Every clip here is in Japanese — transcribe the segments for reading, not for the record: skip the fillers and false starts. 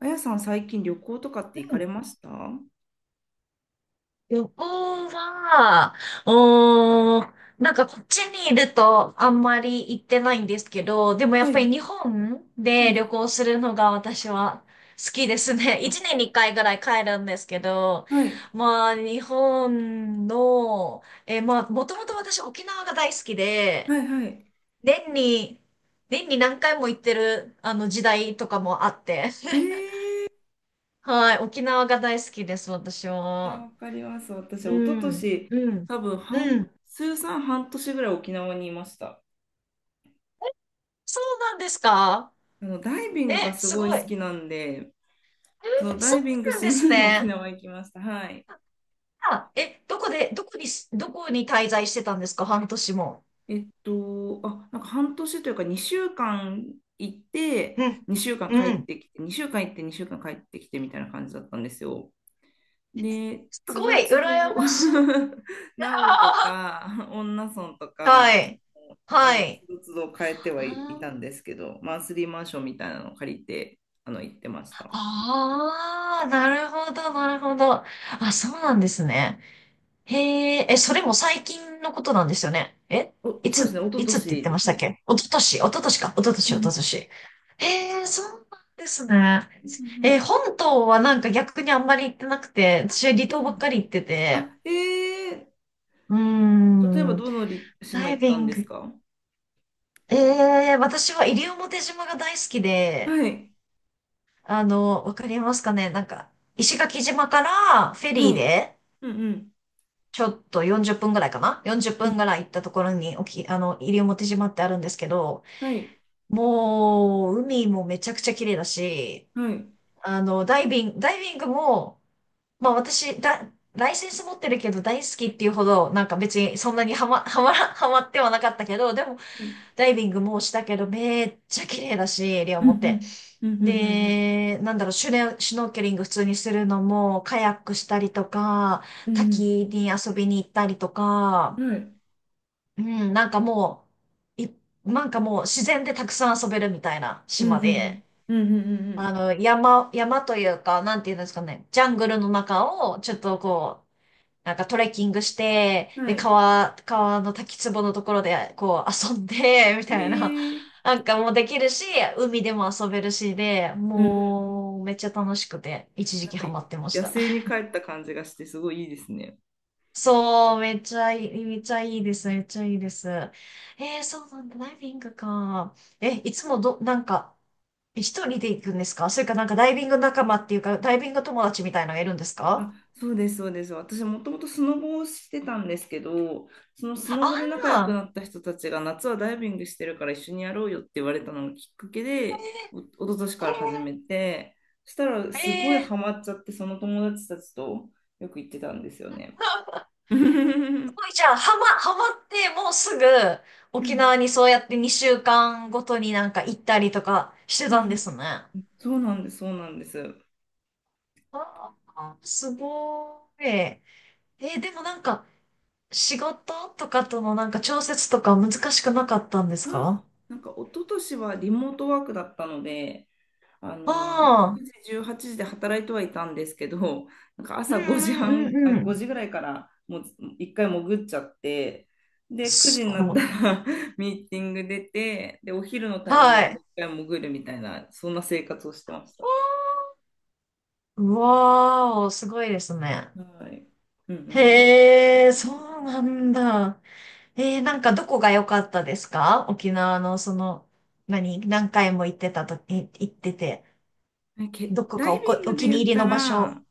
あやさん、最近旅行とかって行かれました？は旅行は、うーなんかこっちにいるとあんまり行ってないんですけど、でもやっぱい。り日本うで旅ん。行するのが私は好きですね。あ、一年に一回ぐらい帰るんですけど、はい。まあ日本の、まあもともと私沖縄が大好きはで、い、はい。年に、年に何回も行ってるあの時代とかもあって、えー、はい、沖縄が大好きです、私じゃあ、は。わかります。私、う一昨ん、年、うん、多分う半、ん。通算半年ぐらい沖縄にいました。そうなんですか？ダイビングえ、がすすごごいい。好えきなんで、そのダそうイビングなんしですに 沖ね。縄行きました。はい。あ、え、どこで、どこに、どこに滞在してたんですか？半年も。あ、なんか半年というか、2週間行って、うん、2週間う帰っん。てきて、2週間行って、2週間帰ってきてみたいな感じだったんですよ。で、すつごどい、つ羨ど、ましい。名護とあか、恩納村とーはか、い、はつい。どつど変えてはいいあーたんですけど、マンスリーマンションみたいなのを借りて、行ってました。あー、なるほど、なるほど。あ、そうなんですね。へえ、え、それも最近のことなんですよね。えお、そうですね、一昨いつって言っ年てでましすたっね。け？一昨年、一昨年か。一昨年、う一昨んうん年。へえ、そうなんですね。うんえ、本島はなんか逆にあんまり行ってなくて、私は離うん島うばっかん。り行ってて。あ、ええー、うー例えばん、どのりダ島イ行ったビんンですグ。か？ええ、私は西表島が大好きで、はい、あの、わかりますかね、なんか、石垣島からフェリはーい、で、うんうん、ちょっと40分ぐらいかな？ 40 分ぐらい行ったところに、あの、西表島ってあるんですけど、はい、もう、海もめちゃくちゃ綺麗だし、はい、あの、ダイビングも、まあ私、ライセンス持ってるけど大好きっていうほど、なんか別にそんなにハマってはなかったけど、でも、はい、うんダイビングもしたけど、めっちゃ綺麗だし、西うん、う表。んうんで、なんだろう、シュノーケリング普通にするのも、カヤックしたりとか、うんうん、滝に遊びに行ったりとうか、んうん、はい、うん、なんかもう、い、なんかもう自然でたくさん遊べるみたいなうんう島で、んうん、うんうんうあんの、山というか、なんていうんですかね、ジャングルの中をちょっとこう、なんかトレッキングして、うん、で、はい。川の滝壺のところでこう遊んで、みたいな、ええ、なんかもうできるし、海でも遊べるしで、うんうん。もうめっちゃ楽しくて、一時期ハマってまし野た。生に帰った感じがしてすごいいいですね。そう、めっちゃいいです、めっちゃいいです。えー、そうなんだ、ダイビングか。え、いつもど、なんか、一人で行くんですか？それかなんかダイビング仲間っていうか、ダイビング友達みたいなのがいるんですあ、か？そうです、そうです。私もともとスノボをしてたんですけど、そのスノあボで仲良くあなった人たちが夏はダイビングしてるから一緒にやろうよって言われたのがきっかけで、お、一昨年から始めて、そしたらー、すごいえー、すハマっちゃって、その友達たちとよく行ってたんですよね。うんごいじゃあ、ハマってもうすぐう沖ん縄にそうやって2週間ごとになんか行ったりとかしてうたんでん。すね。そうなんです、そうなんです。ああ、すごい。えーでもなんか、仕事とかとのなんか調節とか難しくなかったんであ、すか？なんか一昨年はリモートワークだったので、ああ9時、18時で働いてはいたんですけど、なんかー、う朝5時んうん半、うあ、んう5ん。時ぐらいからもう一回潜っちゃって、で、9す時になっごたい。ら ミーティング出て、で、お昼のタイミングはでもうい。一回潜るみたいな、そんな生活をしてました。うわーお、すごいですね。はい。うんうんへえ、そうなんだ。えー、なんかどこが良かったですか？沖縄のその、何回も行ってたと、行ってて、うん。どこダかイおビこ、ンおグで気に言っ入りたの場所。ら、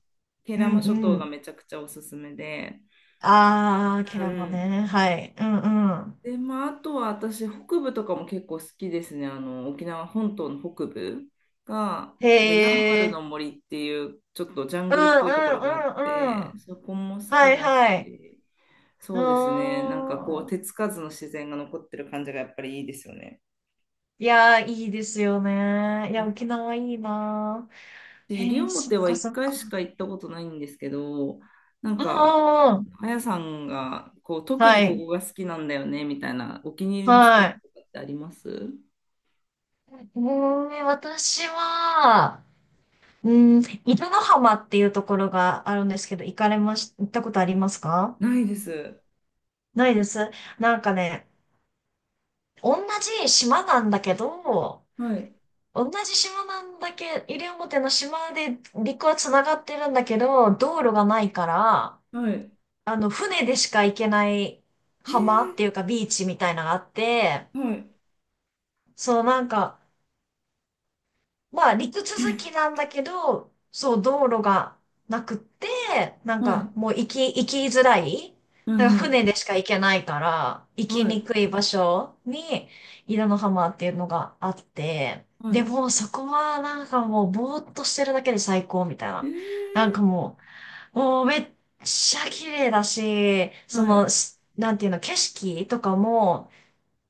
慶う良ん間諸う島がん。めちゃくちゃおすすめで、あー、キャうんラうもん、ね。はい。うんうん。で、まあ、あとは私、北部とかも結構好きですね。沖縄本島の北部が、へなんかヤンバルのえ。森っていう、ちょっとジャンうんグルっぽいところがあっうんうんて、うん。そこも好はきいだはい。し、うそうですね。なんかこーう、ん。手つかずの自然が残ってる感じがやっぱりいいですよね。いやー、いいですよね。いや、沖縄いいなで、ー。西へえ、そっ表はか一そっか。回しか行ったことないんですけど、なんうんか、うんうん。あやさんが、こう、特はにこい。こが好きなんだよね、みたいな、お気に入りのスポッはい。トとかってあります？うーん、私は、うーん、伊豆の浜っていうところがあるんですけど、行かれまし、行ったことありますか？ないです。ないです。なんかね、同じ島なんだけど、はい、同じ島なんだけ、西表の島で陸は繋がってるんだけど、道路がないから、はい、あの、船でしか行けない浜っえていうかビーチみたいなのがあって、ー、はい、そうなんか、まあ、陸続き なんだけど、そう、道路がなくって、なんはか、い、もう行き、行きづらい。はい、なんかはい、船でしか行けないから、行きはにい、くい場所に、稲の浜っていうのがあって、はでい、も、そこはなんかもう、ぼーっとしてるだけで最高みたいえな。ー、なんかももうめっちゃ綺麗だし、そはい、の、しなんていうの、景色とかも、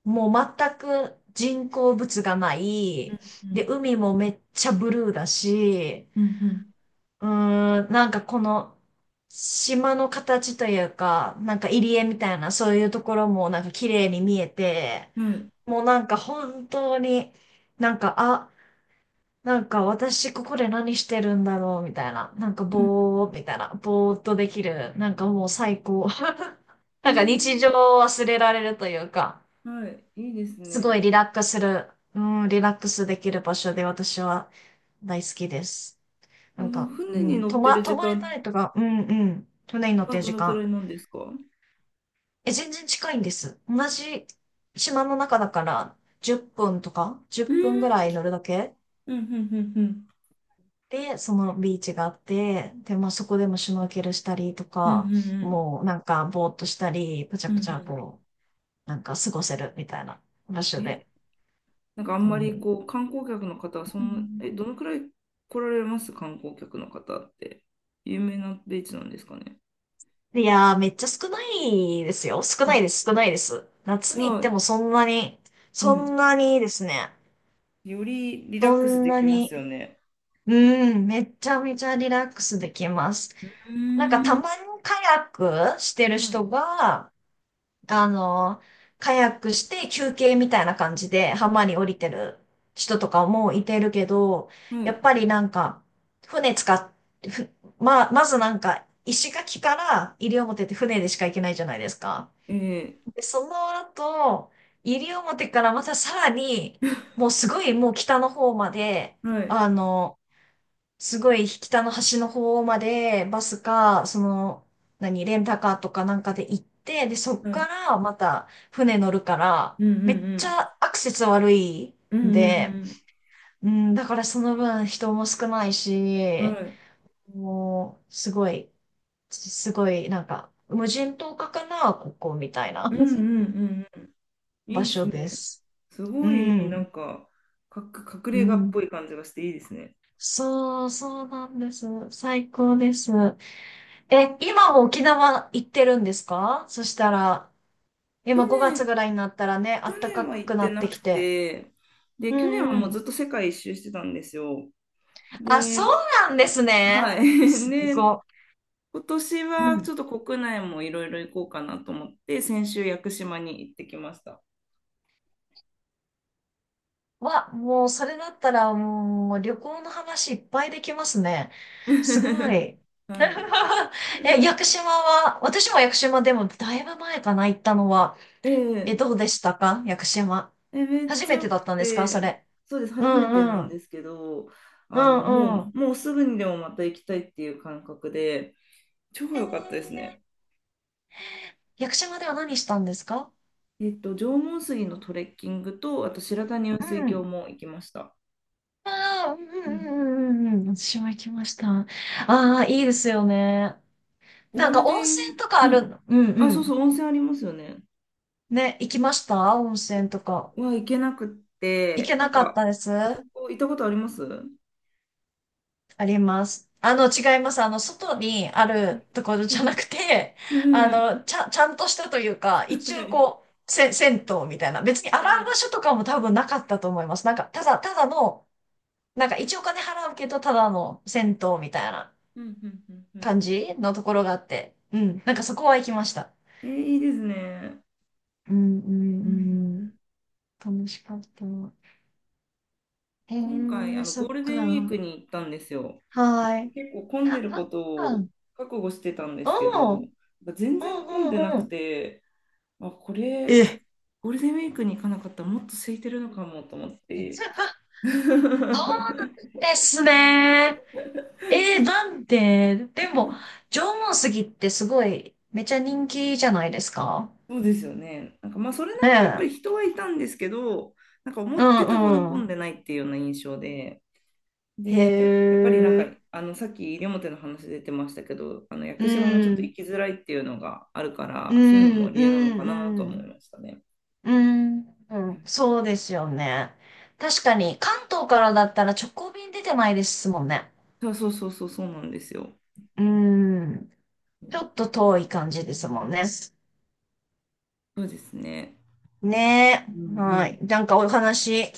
もう全く人工物がない。うん、うで、ん、海もめっちゃブルーだし、うん、うーん、なんかこの島の形というか、なんか入り江みたいなそういうところもなんか綺麗に見えて、うん、はい、もうなんか本当になんか、あ、なんか私ここで何してるんだろうみたいな、うん、ぼーっとできる、なんかもう最高。なんか日え常を忘れられるというか。ー、はい、いいですすごね。いリラックスする、うん、リラックスできる場所で私は大好きです。なそんのか、う船にん、乗ってる泊時まれた間りとか、うんうん、船に乗っはてるど時のくら間。いなんですか？うえ、全然近いんです。同じ島の中だから10分とか、1ーん、分ぐらい乗るだけうん、うん、うん、うん、で、そのビーチがあって、で、まあそこでもシュノーケルしたりとうん、うか、ん、もうなんかぼーっとしたり、ぷちゃうん、ぷちゃうこう、なんか過ごせるみたいな場ん、所え、で。なんかあうんまりん。こう観光客の方はそうんな、んえ、どのくらい来られます？観光客の方って。有名なビーチなんですかね。いやー、めっちゃ少ないですよ。あ、少ないです。夏じゃに行っあ、てもそんなに、うそん。んなにですね。よりリラッそクスんでなきますよに、ね。うん、めちゃめちゃリラックスできます。うーなんかたん、まにカヤックしてるは人が、あの、カヤックして休憩みたいな感じで浜い。に降え、りてる人とかもいてるけど、はやっい。ぱりなんか、船使って、ふまあ、まずなんか、石垣から西表って船でしか行けないじゃないですか。えで、その後、西表からまたさらに、もうすごいもう北の方まで、ー、はい。あの、すごい北の端の方まで、バスか、その、何、レンタカーとかなんかで行って、で、そっはかい。らまた船乗るから、うんうんめっうちん。ゃアクセス悪いうんんうで、んうん、だからその分人も少ないうん。し、はい。もう、すごい、すごい、なんか、無人島かな、ここみたいな うんうんうん うん。い場いっす所ね。です。すうごい、なん、んか、隠うれ家っん。ぽい感じがしていいですね。そうなんです。最高です。え、今も沖縄行ってるんですか？そしたら、去今5月年、ぐらいになったらね、去暖か年は行くっなてっなてくきて。て、で、う去年はんうもうずん。っと世界一周してたんですよ。あ、で、そうなんですね。はい。すで、ご今年い。うはちん。ょっと国内もいろいろ行こうかなと思って、先週屋久島に行ってきました。わ、もうそれだったらもう旅行の話いっぱいできますね。すごい。は い。え、屋久島は、私も屋久島でもだいぶ前かな、行ったのは。え、ええどうでしたか？屋久島。え、めっ初ちゃめてよだっくたんですか？そて、れ。そうです、う初めてんなうんでん。すけど、うもんうう、ん。もうすぐにでもまた行きたいっていう感覚で、超え良かったですー、ね。屋久島では何したんですか？縄文杉のトレッキングと、あと白谷雲水う峡ん。も行きました。ああ、うんううん。んうんうんうん。私も行きました。ああ、いいですよね。ゴなんーかル温デンウ泉ィーとかク、あうん。る。うんあ、うそうそん。う、温泉ありますよね。ね、行きました温泉とか。は行けなくっ行て、けななんかっか、たです。あそこ行ったことあります？うん。あります。あの、違います。あの、外にあるところうじゃなん。くて、あうん。の、ちゃんとしたというか、一は応い。こう、せ、銭湯みたいな。別にえ洗う場え。所とかも多分なかったと思います。なんか、ただの、なんか一応お金払うけど、ただの銭湯みたいなうん、うん、うん、うん。感うん、じのところがあって。うん。なんかそこは行きました。え、いいですね。うん、うん、うん、うん。楽しかった。へ今回、え、そゴーっルデンウィーか。クに行ったんですよ。はい。結構混んであ、るなこんとか、うをん、覚悟してたんでうすけど、なんん、か全う然混んでなん、うくん。て、あ、これ、え。ゴールデンウィークに行かなかったらもっと空いてるのかもと思って。そう ですね。えー、なんで、でも、縄文杉ってすごい、めちゃ人気じゃないですか？そうですよね。なんかまあそれなねりにやっぱえ。り人はいたんですけど、なんか思うってたほどんう混んん。でないっていうような印象で、へで、やっぱりなんか、え。あのさっき西表の話出てましたけど、あの屋う久島もちょっとん。行きづらいっていうのがあるかうら、そういうのもん、理由なうのかなと思いん、ましたね。うん。うん、ううんん、そうですよね。確かに、関東からだったら直行便出てないですもんね。そうそうそうそうそうなんですよ。うん。ちょっと遠い感じですもんね。そうですね。ねうえ。んうはい。んなんかお話